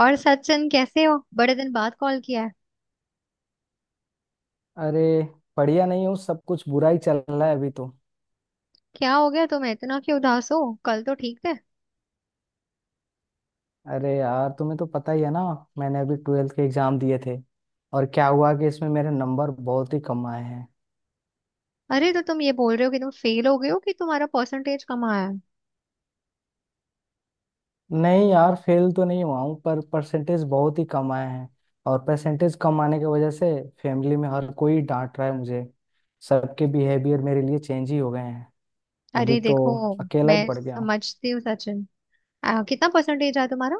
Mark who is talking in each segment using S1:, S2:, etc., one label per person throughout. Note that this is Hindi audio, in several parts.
S1: और सचिन कैसे हो, बड़े दिन बाद कॉल किया है।
S2: अरे, बढ़िया नहीं हूँ। सब कुछ बुरा ही चल रहा है अभी तो।
S1: क्या हो गया तुम्हें, इतना क्यों उदास हो? कल तो ठीक थे।
S2: अरे यार, तुम्हें तो पता ही है ना। मैंने अभी 12th के एग्जाम दिए थे। और क्या हुआ कि इसमें मेरे नंबर बहुत ही कम आए हैं।
S1: अरे तो तुम ये बोल रहे हो कि तुम फेल हो गए हो, कि तुम्हारा परसेंटेज कम आया है?
S2: नहीं यार, फेल तो नहीं हुआ हूँ, पर परसेंटेज बहुत ही कम आए हैं। और परसेंटेज कम आने की वजह से फैमिली में हर कोई डांट रहा है मुझे। सबके बिहेवियर मेरे लिए चेंज ही हो गए हैं अभी
S1: अरे
S2: तो।
S1: देखो,
S2: अकेला ही
S1: मैं
S2: पड़ गया हूँ।
S1: समझती हूँ सचिन। कितना परसेंटेज आया तुम्हारा?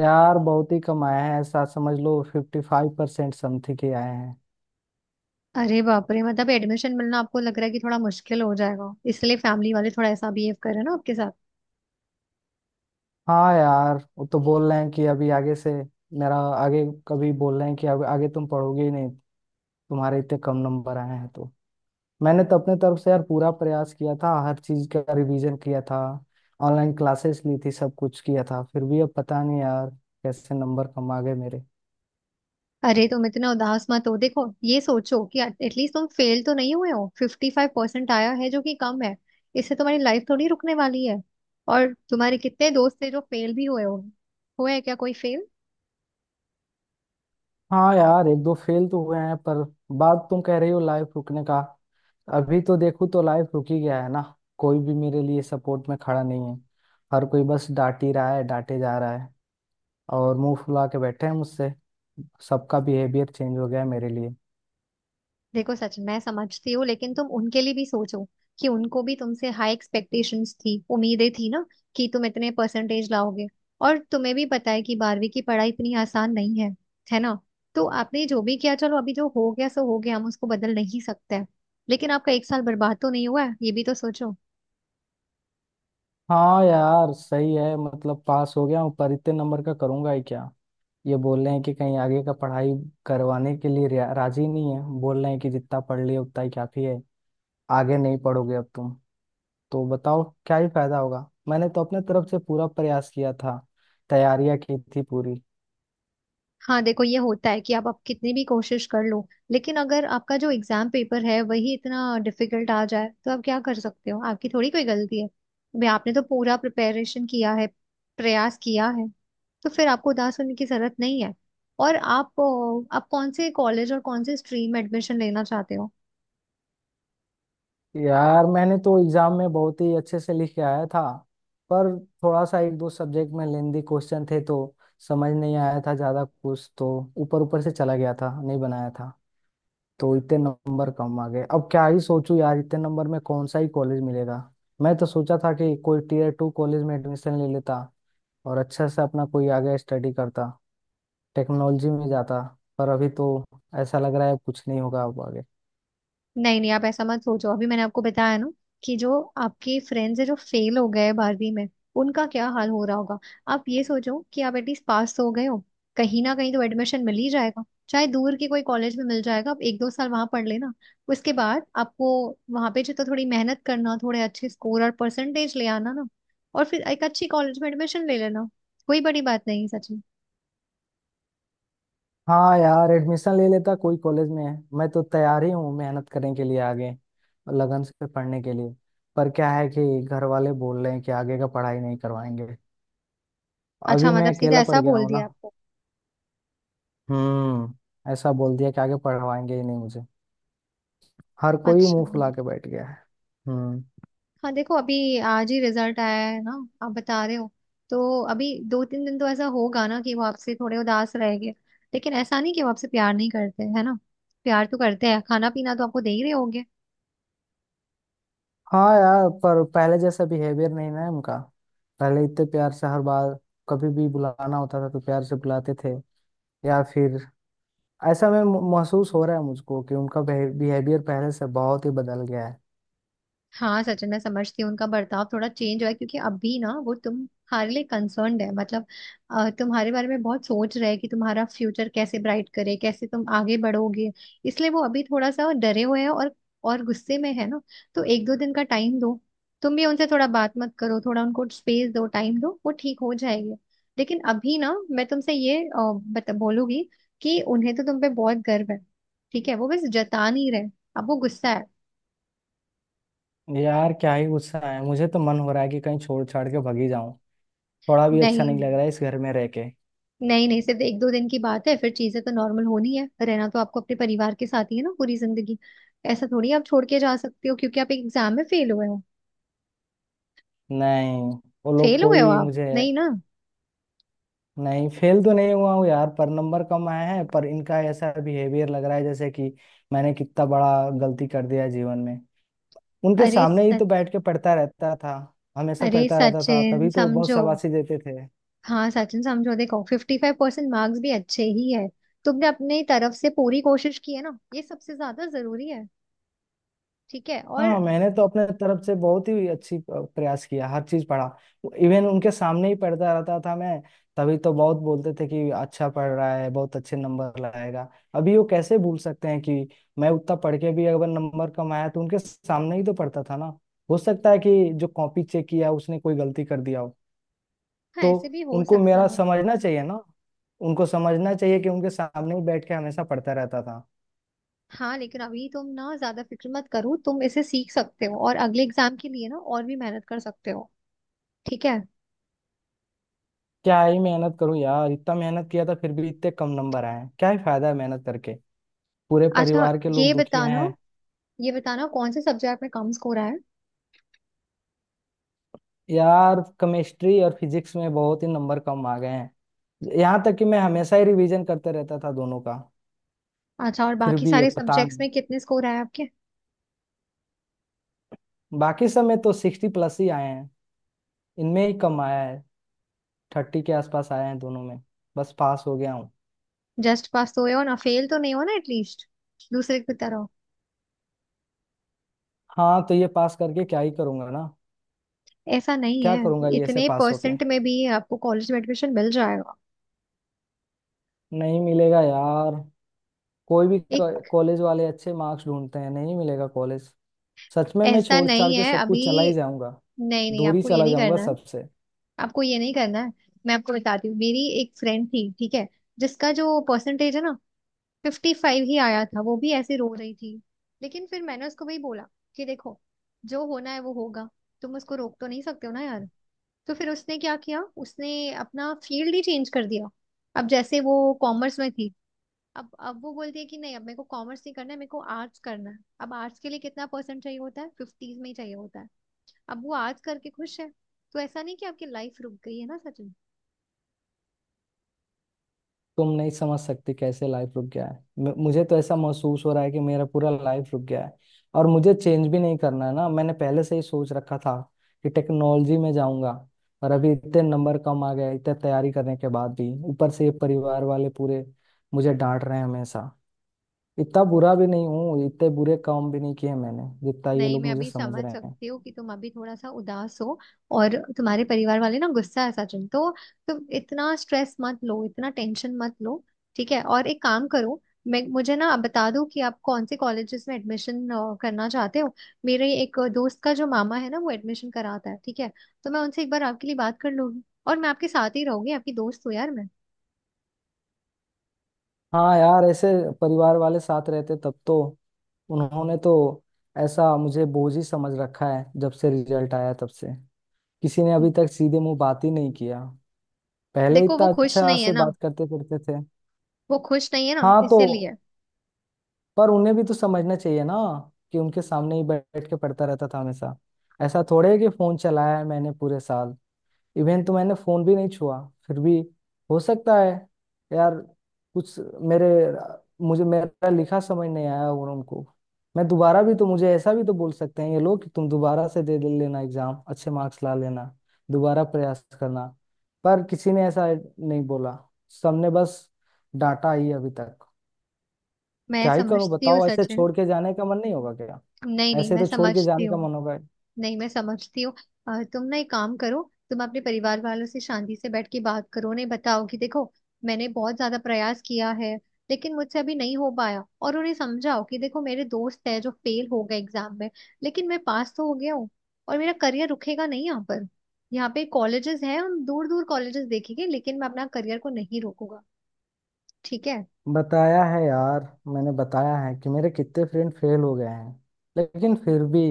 S2: यार बहुत ही कम आए हैं, ऐसा समझ लो 55% समथिंग के आए हैं।
S1: अरे बाप रे, मतलब एडमिशन मिलना आपको लग रहा है कि थोड़ा मुश्किल हो जाएगा, इसलिए फैमिली वाले थोड़ा ऐसा बिहेव कर रहे हैं ना आपके साथ।
S2: हाँ यार, वो तो बोल रहे हैं कि अभी आगे से मेरा आगे कभी बोल रहे हैं कि अब आगे तुम पढ़ोगे ही नहीं। तुम्हारे इतने कम नंबर आए हैं तो। मैंने तो अपने तरफ से यार पूरा प्रयास किया था, हर चीज का रिवीजन किया था। ऑनलाइन क्लासेस ली थी, सब कुछ किया था, फिर भी अब पता नहीं यार कैसे नंबर कम आ गए मेरे।
S1: अरे तुम इतना उदास मत हो, देखो ये सोचो कि एटलीस्ट तुम फेल तो नहीं हुए हो, 55% आया है जो कि कम है। इससे तुम्हारी लाइफ थोड़ी रुकने वाली है। और तुम्हारे कितने दोस्त थे जो फेल भी हुए हो, हुए हैं क्या कोई फेल?
S2: हाँ यार, एक दो फेल तो हुए हैं, पर बात तुम कह रही हो लाइफ रुकने का। अभी तो देखो तो लाइफ रुक ही गया है ना। कोई भी मेरे लिए सपोर्ट में खड़ा नहीं है। हर कोई बस डांट ही रहा है, डांटे जा रहा है और मुंह फुला के बैठे हैं मुझसे। सबका बिहेवियर चेंज हो गया है मेरे लिए।
S1: देखो सच, मैं समझती हूँ, लेकिन तुम उनके लिए भी सोचो कि उनको भी तुमसे हाई एक्सपेक्टेशंस थी, उम्मीदें थी ना, कि तुम इतने परसेंटेज लाओगे। और तुम्हें भी पता है कि बारहवीं की पढ़ाई इतनी आसान नहीं है, है ना। तो आपने जो भी किया, चलो अभी जो हो गया सो हो गया, हम उसको बदल नहीं सकते हैं। लेकिन आपका एक साल बर्बाद तो नहीं हुआ है, ये भी तो सोचो।
S2: हाँ यार सही है, मतलब पास हो गया हूँ पर इतने नंबर का करूंगा ही क्या। ये बोल रहे हैं कि कहीं आगे का पढ़ाई करवाने के लिए राजी नहीं है, बोल रहे हैं कि जितना पढ़ लिए उतना ही काफी है। आगे नहीं पढ़ोगे अब तुम। तो बताओ क्या ही फायदा होगा। मैंने तो अपने तरफ से पूरा प्रयास किया था, तैयारियां की थी पूरी।
S1: हाँ देखो, ये होता है कि आप कितनी भी कोशिश कर लो, लेकिन अगर आपका जो एग्जाम पेपर है वही इतना डिफिकल्ट आ जाए तो आप क्या कर सकते हो, आपकी थोड़ी कोई गलती है भाई। आपने तो पूरा प्रिपरेशन किया है, प्रयास किया है। तो फिर आपको उदास होने की जरूरत नहीं है। और आप, आप कौन से कॉलेज और कौन से स्ट्रीम एडमिशन लेना चाहते हो?
S2: यार मैंने तो एग्जाम में बहुत ही अच्छे से लिख के आया था, पर थोड़ा सा एक दो सब्जेक्ट में लेंदी क्वेश्चन थे तो समझ नहीं आया था ज्यादा कुछ तो ऊपर ऊपर से चला गया था, नहीं बनाया था। तो इतने नंबर कम आ गए। अब क्या ही सोचूं यार, इतने नंबर में कौन सा ही कॉलेज मिलेगा। मैं तो सोचा था कि कोई टीयर टू कॉलेज में एडमिशन ले लेता और अच्छे से अपना कोई आगे स्टडी करता, टेक्नोलॉजी में जाता। पर अभी तो ऐसा लग रहा है कुछ नहीं होगा अब आगे।
S1: नहीं नहीं, आप ऐसा मत सोचो, अभी मैंने आपको बताया ना, कि जो आपके फ्रेंड्स है जो फेल हो गए बारहवीं में, उनका क्या हाल हो रहा होगा। आप ये सोचो कि आप एटलीस्ट पास तो हो गए हो, कहीं ना कहीं तो एडमिशन मिल ही जाएगा। चाहे दूर के कोई कॉलेज में मिल जाएगा, आप एक दो साल वहां पढ़ लेना, उसके बाद आपको वहां पे जो तो थोड़ी मेहनत करना, थोड़े अच्छे स्कोर और परसेंटेज ले आना ना, और फिर एक अच्छी कॉलेज में एडमिशन ले लेना। कोई बड़ी बात नहीं, सच में।
S2: हाँ यार, एडमिशन ले लेता कोई कॉलेज में है। मैं तो तैयार ही हूँ मेहनत करने के लिए आगे और लगन से पढ़ने के लिए। पर क्या है कि घर वाले बोल रहे हैं कि आगे का पढ़ाई नहीं करवाएंगे। अभी
S1: अच्छा, मतलब
S2: मैं
S1: सीधा
S2: अकेला पड़
S1: ऐसा
S2: गया
S1: बोल
S2: हूँ ना।
S1: दिया आपको?
S2: ऐसा बोल दिया कि आगे पढ़वाएंगे ही नहीं मुझे। हर कोई
S1: अच्छा।
S2: मुंह फुला के बैठ गया है। हम्म।
S1: हाँ देखो, अभी आज ही रिजल्ट आया है ना, आप बता रहे हो। तो अभी दो तीन दिन तो ऐसा होगा ना कि वो आपसे थोड़े उदास रहेंगे, लेकिन ऐसा नहीं कि वो आपसे प्यार नहीं करते, है ना। प्यार तो करते हैं, खाना पीना तो आपको दे ही रहे होंगे।
S2: हाँ यार, पर पहले जैसा बिहेवियर नहीं ना है उनका। पहले इतने प्यार से हर बार कभी भी बुलाना होता था तो प्यार से बुलाते थे। या फिर ऐसा मैं महसूस हो रहा है मुझको कि उनका बिहेवियर पहले से बहुत ही बदल गया है।
S1: हाँ सचिन, मैं समझती हूँ, उनका बर्ताव थोड़ा चेंज हुआ है क्योंकि अभी ना वो तुम्हारे लिए कंसर्न्ड है, मतलब, तुम्हारे बारे में बहुत सोच रहे हैं कि तुम्हारा फ्यूचर कैसे ब्राइट करे, कैसे तुम आगे बढ़ोगे। इसलिए वो अभी थोड़ा सा डरे हुए हैं और गुस्से में है ना। तो एक दो दिन का टाइम दो, तुम भी उनसे थोड़ा बात मत करो, थोड़ा उनको स्पेस दो, टाइम दो, वो ठीक हो जाएंगे। लेकिन अभी ना मैं तुमसे ये अ, बता बोलूंगी कि उन्हें तो तुम पे बहुत गर्व है। ठीक है, वो बस जता नहीं रहे, अब वो गुस्सा है।
S2: यार क्या ही गुस्सा है। मुझे तो मन हो रहा है कि कहीं छोड़ छाड़ के भागी जाऊं। थोड़ा भी अच्छा
S1: नहीं।
S2: नहीं लग रहा है इस घर में रह के।
S1: नहीं नहीं, सिर्फ एक दो दिन की बात है, फिर चीजें तो नॉर्मल होनी है। रहना तो आपको अपने परिवार के साथ ही है ना पूरी जिंदगी। ऐसा थोड़ी आप छोड़ के जा सकते हो क्योंकि आप एक एग्जाम में फेल हुए हो।
S2: नहीं, वो लोग
S1: फेल हुए हो
S2: कोई
S1: आप
S2: मुझे।
S1: नहीं ना।
S2: नहीं फेल तो नहीं हुआ हूँ यार, पर नंबर कम आए हैं। पर इनका ऐसा बिहेवियर लग रहा है जैसे कि मैंने कितना बड़ा गलती कर दिया है जीवन में। उनके
S1: अरे
S2: सामने ही तो
S1: सच।
S2: बैठ के पढ़ता रहता था, हमेशा
S1: अरे
S2: पढ़ता रहता था,
S1: सचिन
S2: तभी तो बहुत
S1: समझो।
S2: शाबाशी देते थे।
S1: हाँ सचिन समझो, देखो 55% मार्क्स भी अच्छे ही है। तुमने अपनी तरफ से पूरी कोशिश की है ना, ये सबसे ज्यादा जरूरी है। ठीक है, और।
S2: हाँ, मैंने तो अपने तरफ से बहुत ही अच्छी प्रयास किया, हर चीज पढ़ा। इवन उनके सामने ही पढ़ता रहता था मैं। तभी तो बहुत बोलते थे कि अच्छा पढ़ रहा है, बहुत अच्छे नंबर लाएगा। अभी वो कैसे भूल सकते हैं कि मैं उतना पढ़ के भी अगर नंबर कम आया तो उनके सामने ही तो पढ़ता था ना। हो सकता है कि जो कॉपी चेक किया उसने कोई गलती कर दिया हो।
S1: हाँ,
S2: तो
S1: ऐसे भी हो
S2: उनको
S1: सकता
S2: मेरा
S1: है।
S2: समझना चाहिए ना। उनको समझना चाहिए कि उनके सामने ही बैठ के हमेशा पढ़ता रहता था।
S1: हाँ लेकिन अभी तुम ना ज्यादा फिक्र मत करो, तुम इसे सीख सकते हो और अगले एग्जाम के लिए ना और भी मेहनत कर सकते हो। ठीक है।
S2: क्या ही मेहनत करूं यार, इतना मेहनत किया था फिर भी इतने कम नंबर आए हैं। क्या ही फायदा है मेहनत करके। पूरे
S1: अच्छा,
S2: परिवार के
S1: ये
S2: लोग दुखी
S1: बताना,
S2: हैं।
S1: ये बताना कौन से सब्जेक्ट में कम स्कोर आया।
S2: यार केमिस्ट्री और फिजिक्स में बहुत ही नंबर कम आ गए हैं, यहाँ तक कि मैं हमेशा ही रिवीजन करते रहता था दोनों का।
S1: अच्छा, और
S2: फिर
S1: बाकी
S2: भी ये
S1: सारे
S2: पता
S1: सब्जेक्ट्स
S2: नहीं।
S1: में कितने स्कोर आए आपके?
S2: बाकी सब में तो 60+ ही आए हैं, इनमें ही कम आया है। 30 के आसपास आए हैं दोनों में। बस पास हो गया हूँ।
S1: जस्ट पास तो हुए हो ना, फेल तो नहीं हो ना एटलीस्ट, दूसरे की तरह।
S2: हाँ, तो ये पास करके क्या ही करूंगा ना।
S1: ऐसा नहीं है,
S2: क्या करूंगा ये से
S1: इतने
S2: पास होके।
S1: परसेंट में भी आपको कॉलेज में एडमिशन मिल जाएगा।
S2: नहीं मिलेगा यार, कोई भी
S1: एक।
S2: कॉलेज वाले अच्छे मार्क्स ढूंढते हैं, नहीं मिलेगा कॉलेज। सच में मैं
S1: ऐसा
S2: छोड़ छाड़
S1: नहीं
S2: के
S1: है
S2: सब
S1: अभी।
S2: कुछ चला ही जाऊंगा,
S1: नहीं नहीं,
S2: दूर ही
S1: आपको ये
S2: चला
S1: नहीं
S2: जाऊंगा
S1: करना है।
S2: सबसे।
S1: आपको ये नहीं करना है। मैं आपको बताती हूँ, मेरी एक फ्रेंड थी, ठीक है, जिसका जो परसेंटेज है ना, 55 ही आया था। वो भी ऐसे रो रही थी, लेकिन फिर मैंने उसको वही बोला कि देखो, जो होना है वो होगा, तुम उसको रोक तो नहीं सकते हो ना यार। तो फिर उसने क्या किया, उसने अपना फील्ड ही चेंज कर दिया। अब जैसे वो कॉमर्स में थी, अब वो बोलती है कि नहीं, अब मेरे को कॉमर्स नहीं करना है, मेरे को आर्ट्स करना है। अब आर्ट्स के लिए कितना परसेंट चाहिए होता है, फिफ्टीज में ही चाहिए होता है। अब वो आर्ट्स करके खुश है। तो ऐसा नहीं कि आपकी लाइफ रुक गई है ना सचिन।
S2: तुम नहीं समझ सकती कैसे लाइफ रुक गया है। मुझे तो ऐसा महसूस हो रहा है कि मेरा पूरा लाइफ रुक गया है। और मुझे चेंज भी नहीं करना है ना, मैंने पहले से ही सोच रखा था कि टेक्नोलॉजी में जाऊंगा। और अभी इतने नंबर कम आ गए, इतने तैयारी करने के बाद भी। ऊपर से ये परिवार वाले पूरे मुझे डांट रहे हैं हमेशा। इतना बुरा भी नहीं हूँ, इतने बुरे काम भी नहीं किए मैंने जितना ये
S1: नहीं
S2: लोग
S1: मैं
S2: मुझे
S1: अभी
S2: समझ
S1: समझ
S2: रहे हैं।
S1: सकती हूँ कि तुम अभी थोड़ा सा उदास हो, और तुम्हारे परिवार वाले ना गुस्सा है सचिन। तो तुम इतना स्ट्रेस मत लो, इतना टेंशन मत लो। ठीक है, और एक काम करो, मैं, मुझे ना बता दो कि आप कौन से कॉलेजेस में एडमिशन करना चाहते हो। मेरे एक दोस्त का जो मामा है ना, वो एडमिशन कराता है, ठीक है। तो मैं उनसे एक बार आपके लिए बात कर लूंगी, और मैं आपके साथ ही रहूंगी, आपकी दोस्त हूँ यार मैं।
S2: हाँ यार, ऐसे परिवार वाले साथ रहते तब तो। उन्होंने तो ऐसा मुझे बोझ ही समझ रखा है जब से रिजल्ट आया तब से। किसी ने अभी तक सीधे मुंह बात ही नहीं किया, पहले
S1: देखो
S2: इतना
S1: वो खुश
S2: अच्छा
S1: नहीं है
S2: से
S1: ना,
S2: बात करते करते थे।
S1: वो खुश नहीं है ना
S2: हाँ, तो
S1: इसीलिए।
S2: पर उन्हें भी तो समझना चाहिए ना कि उनके सामने ही बैठ के पढ़ता रहता था हमेशा। ऐसा थोड़े है कि फोन चलाया है मैंने पूरे साल, इवन तो मैंने फोन भी नहीं छुआ। फिर भी हो सकता है यार कुछ मेरे मुझे मेरा लिखा समझ नहीं आया। और उनको मैं दोबारा भी तो मुझे ऐसा भी तो बोल सकते हैं ये लोग कि तुम दोबारा से दे लेना एग्जाम, अच्छे मार्क्स ला लेना, दोबारा प्रयास करना। पर किसी ने ऐसा नहीं बोला, सबने बस डांटा ही अभी तक।
S1: मैं
S2: क्या ही करूं
S1: समझती हूँ
S2: बताओ, ऐसे
S1: सचिन।
S2: छोड़ के जाने का मन नहीं होगा क्या।
S1: नहीं नहीं
S2: ऐसे
S1: मैं
S2: तो छोड़ के
S1: समझती
S2: जाने का
S1: हूँ।
S2: मन होगा।
S1: नहीं मैं समझती हूँ। तुम ना एक काम करो, तुम अपने परिवार वालों से शांति से बैठ के बात करो, उन्हें बताओ कि देखो, मैंने बहुत ज्यादा प्रयास किया है लेकिन मुझसे अभी नहीं हो पाया। और उन्हें समझाओ कि देखो, मेरे दोस्त है जो फेल हो गए एग्जाम में, लेकिन मैं पास तो हो गया हूँ। और मेरा करियर रुकेगा नहीं यहाँ पर, यहाँ पे कॉलेजेस हैं, हम दूर दूर कॉलेजेस देखेंगे, लेकिन मैं अपना करियर को नहीं रोकूंगा। ठीक है।
S2: बताया है यार, मैंने बताया है कि मेरे कितने फ्रेंड फेल हो गए हैं। लेकिन फिर भी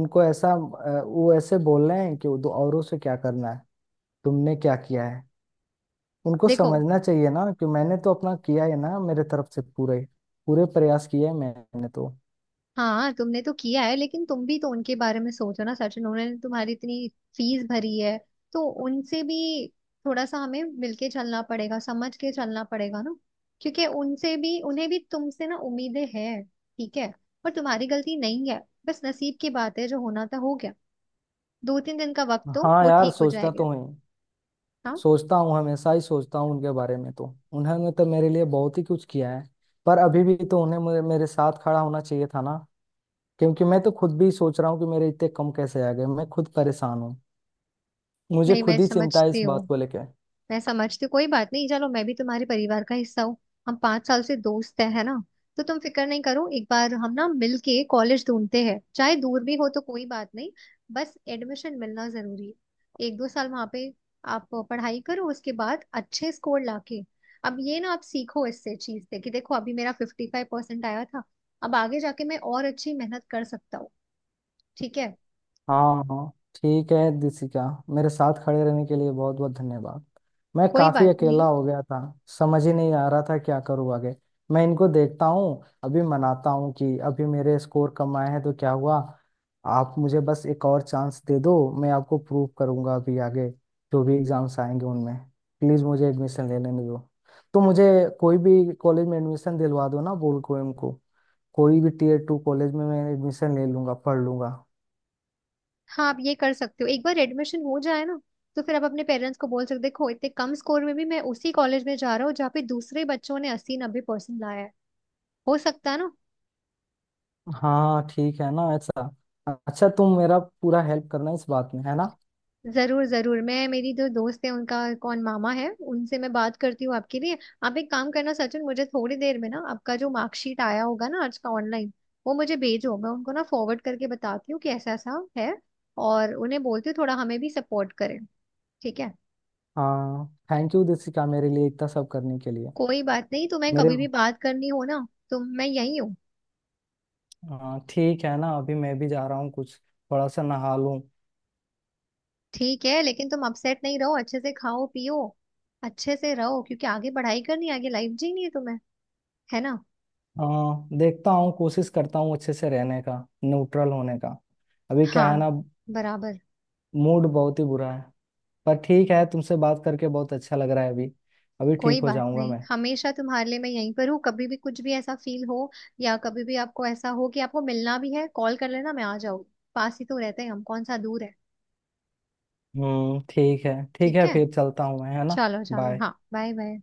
S2: उनको ऐसा वो ऐसे बोल रहे हैं कि दो औरों से क्या करना है, तुमने क्या किया है। उनको
S1: देखो।
S2: समझना चाहिए ना कि मैंने तो अपना किया है ना, मेरे तरफ से पूरे पूरे प्रयास किए हैं मैंने तो।
S1: हाँ तुमने तो किया है, लेकिन तुम भी तो उनके बारे में सोचो ना सचिन, उन्होंने तुम्हारी इतनी फीस भरी है, तो उनसे भी थोड़ा सा हमें मिलके चलना पड़ेगा, समझ के चलना पड़ेगा ना। क्योंकि उनसे भी, उन्हें भी तुमसे ना उम्मीदें हैं, ठीक है। और तुम्हारी गलती नहीं है, बस नसीब की बात है, जो होना था हो गया। दो तीन दिन का वक्त तो
S2: हाँ
S1: वो
S2: यार
S1: ठीक हो
S2: सोचता
S1: जाएगा।
S2: तो हूँ,
S1: हाँ।
S2: सोचता हूँ, हमेशा ही सोचता हूँ उनके बारे में तो। उन्होंने तो मेरे लिए बहुत ही कुछ किया है। पर अभी भी तो उन्हें मेरे मेरे साथ खड़ा होना चाहिए था ना। क्योंकि मैं तो खुद भी सोच रहा हूँ कि मेरे इतने कम कैसे आ गए, मैं खुद परेशान हूँ। मुझे
S1: नहीं मैं
S2: खुद ही चिंता है
S1: समझती
S2: इस बात
S1: हूँ,
S2: को लेकर।
S1: मैं समझती हूँ, कोई बात नहीं। चलो मैं भी तुम्हारे परिवार का हिस्सा हूँ, हम 5 साल से दोस्त हैं है ना। तो तुम फिक्र नहीं करो, एक बार हम ना मिलके कॉलेज ढूंढते हैं, चाहे दूर भी हो तो कोई बात नहीं, बस एडमिशन मिलना जरूरी है। एक दो साल वहाँ पे आप पढ़ाई करो, उसके बाद अच्छे स्कोर लाके, अब ये ना आप सीखो इससे, चीज से कि देखो अभी मेरा 55% आया था, अब आगे जाके मैं और अच्छी मेहनत कर सकता हूँ। ठीक है।
S2: हाँ हाँ, ठीक है दिसिका। मेरे साथ खड़े रहने के लिए बहुत बहुत धन्यवाद। मैं
S1: कोई
S2: काफी
S1: बात
S2: अकेला
S1: नहीं।
S2: हो गया था, समझ ही नहीं आ रहा था क्या करूँ आगे। मैं इनको देखता हूँ, अभी मनाता हूँ कि अभी मेरे स्कोर कम आए हैं तो क्या हुआ, आप मुझे बस एक और चांस दे दो। मैं आपको प्रूव करूँगा अभी आगे जो भी एग्जाम्स आएंगे उनमें। प्लीज मुझे एडमिशन ले लेने दो। तो मुझे कोई भी कॉलेज में एडमिशन दिलवा दो ना, बोल कोएम को इनको। कोई भी टीयर टू कॉलेज में मैं एडमिशन ले लूंगा, पढ़ लूंगा।
S1: हाँ आप ये कर सकते हो, एक बार एडमिशन हो जाए ना, तो फिर आप अपने पेरेंट्स को बोल सकते हो, देखो इतने कम स्कोर में भी मैं उसी कॉलेज में जा रहा हूँ जहाँ पे दूसरे बच्चों ने 80-90% लाया है। हो सकता है ना।
S2: हाँ ठीक है ना ऐसा। अच्छा तुम मेरा पूरा हेल्प करना इस बात में है ना।
S1: जरूर जरूर, मैं, मेरी जो दोस्त है उनका कौन मामा है, उनसे मैं बात करती हूँ आपके लिए। आप एक काम करना सचिन, मुझे थोड़ी देर में ना आपका जो मार्कशीट आया होगा ना आज का, ऑनलाइन वो मुझे भेजो। मैं उनको ना फॉरवर्ड करके बताती हूँ कि ऐसा ऐसा है, और उन्हें बोलती हूँ थोड़ा हमें भी सपोर्ट करें। ठीक है।
S2: हाँ थैंक यू दिसिका, मेरे लिए इतना सब करने के लिए।
S1: कोई बात नहीं, तुम्हें
S2: मेरे
S1: कभी भी बात करनी हो ना तो मैं यही हूँ।
S2: हाँ ठीक है ना, अभी मैं भी जा रहा हूँ कुछ, थोड़ा सा नहा लूँ।
S1: ठीक है, लेकिन तुम अपसेट नहीं रहो, अच्छे से खाओ पियो, अच्छे से रहो, क्योंकि आगे पढ़ाई करनी है, आगे लाइफ जीनी है तुम्हें, है ना।
S2: हाँ देखता हूँ, कोशिश करता हूँ अच्छे से रहने का, न्यूट्रल होने का। अभी क्या है
S1: हाँ,
S2: ना,
S1: बराबर।
S2: मूड बहुत ही बुरा है। पर ठीक है, तुमसे बात करके बहुत अच्छा लग रहा है अभी। अभी
S1: कोई
S2: ठीक हो
S1: बात
S2: जाऊंगा
S1: नहीं,
S2: मैं।
S1: हमेशा तुम्हारे लिए मैं यहीं पर हूँ, कभी भी कुछ भी ऐसा फील हो, या कभी भी आपको ऐसा हो कि आपको मिलना भी है, कॉल कर लेना मैं आ जाऊँ, पास ही तो रहते हैं हम, कौन सा दूर है।
S2: ठीक है ठीक
S1: ठीक
S2: है,
S1: है।
S2: फिर चलता हूँ मैं, है ना।
S1: चलो चलो,
S2: बाय।
S1: हाँ बाय बाय।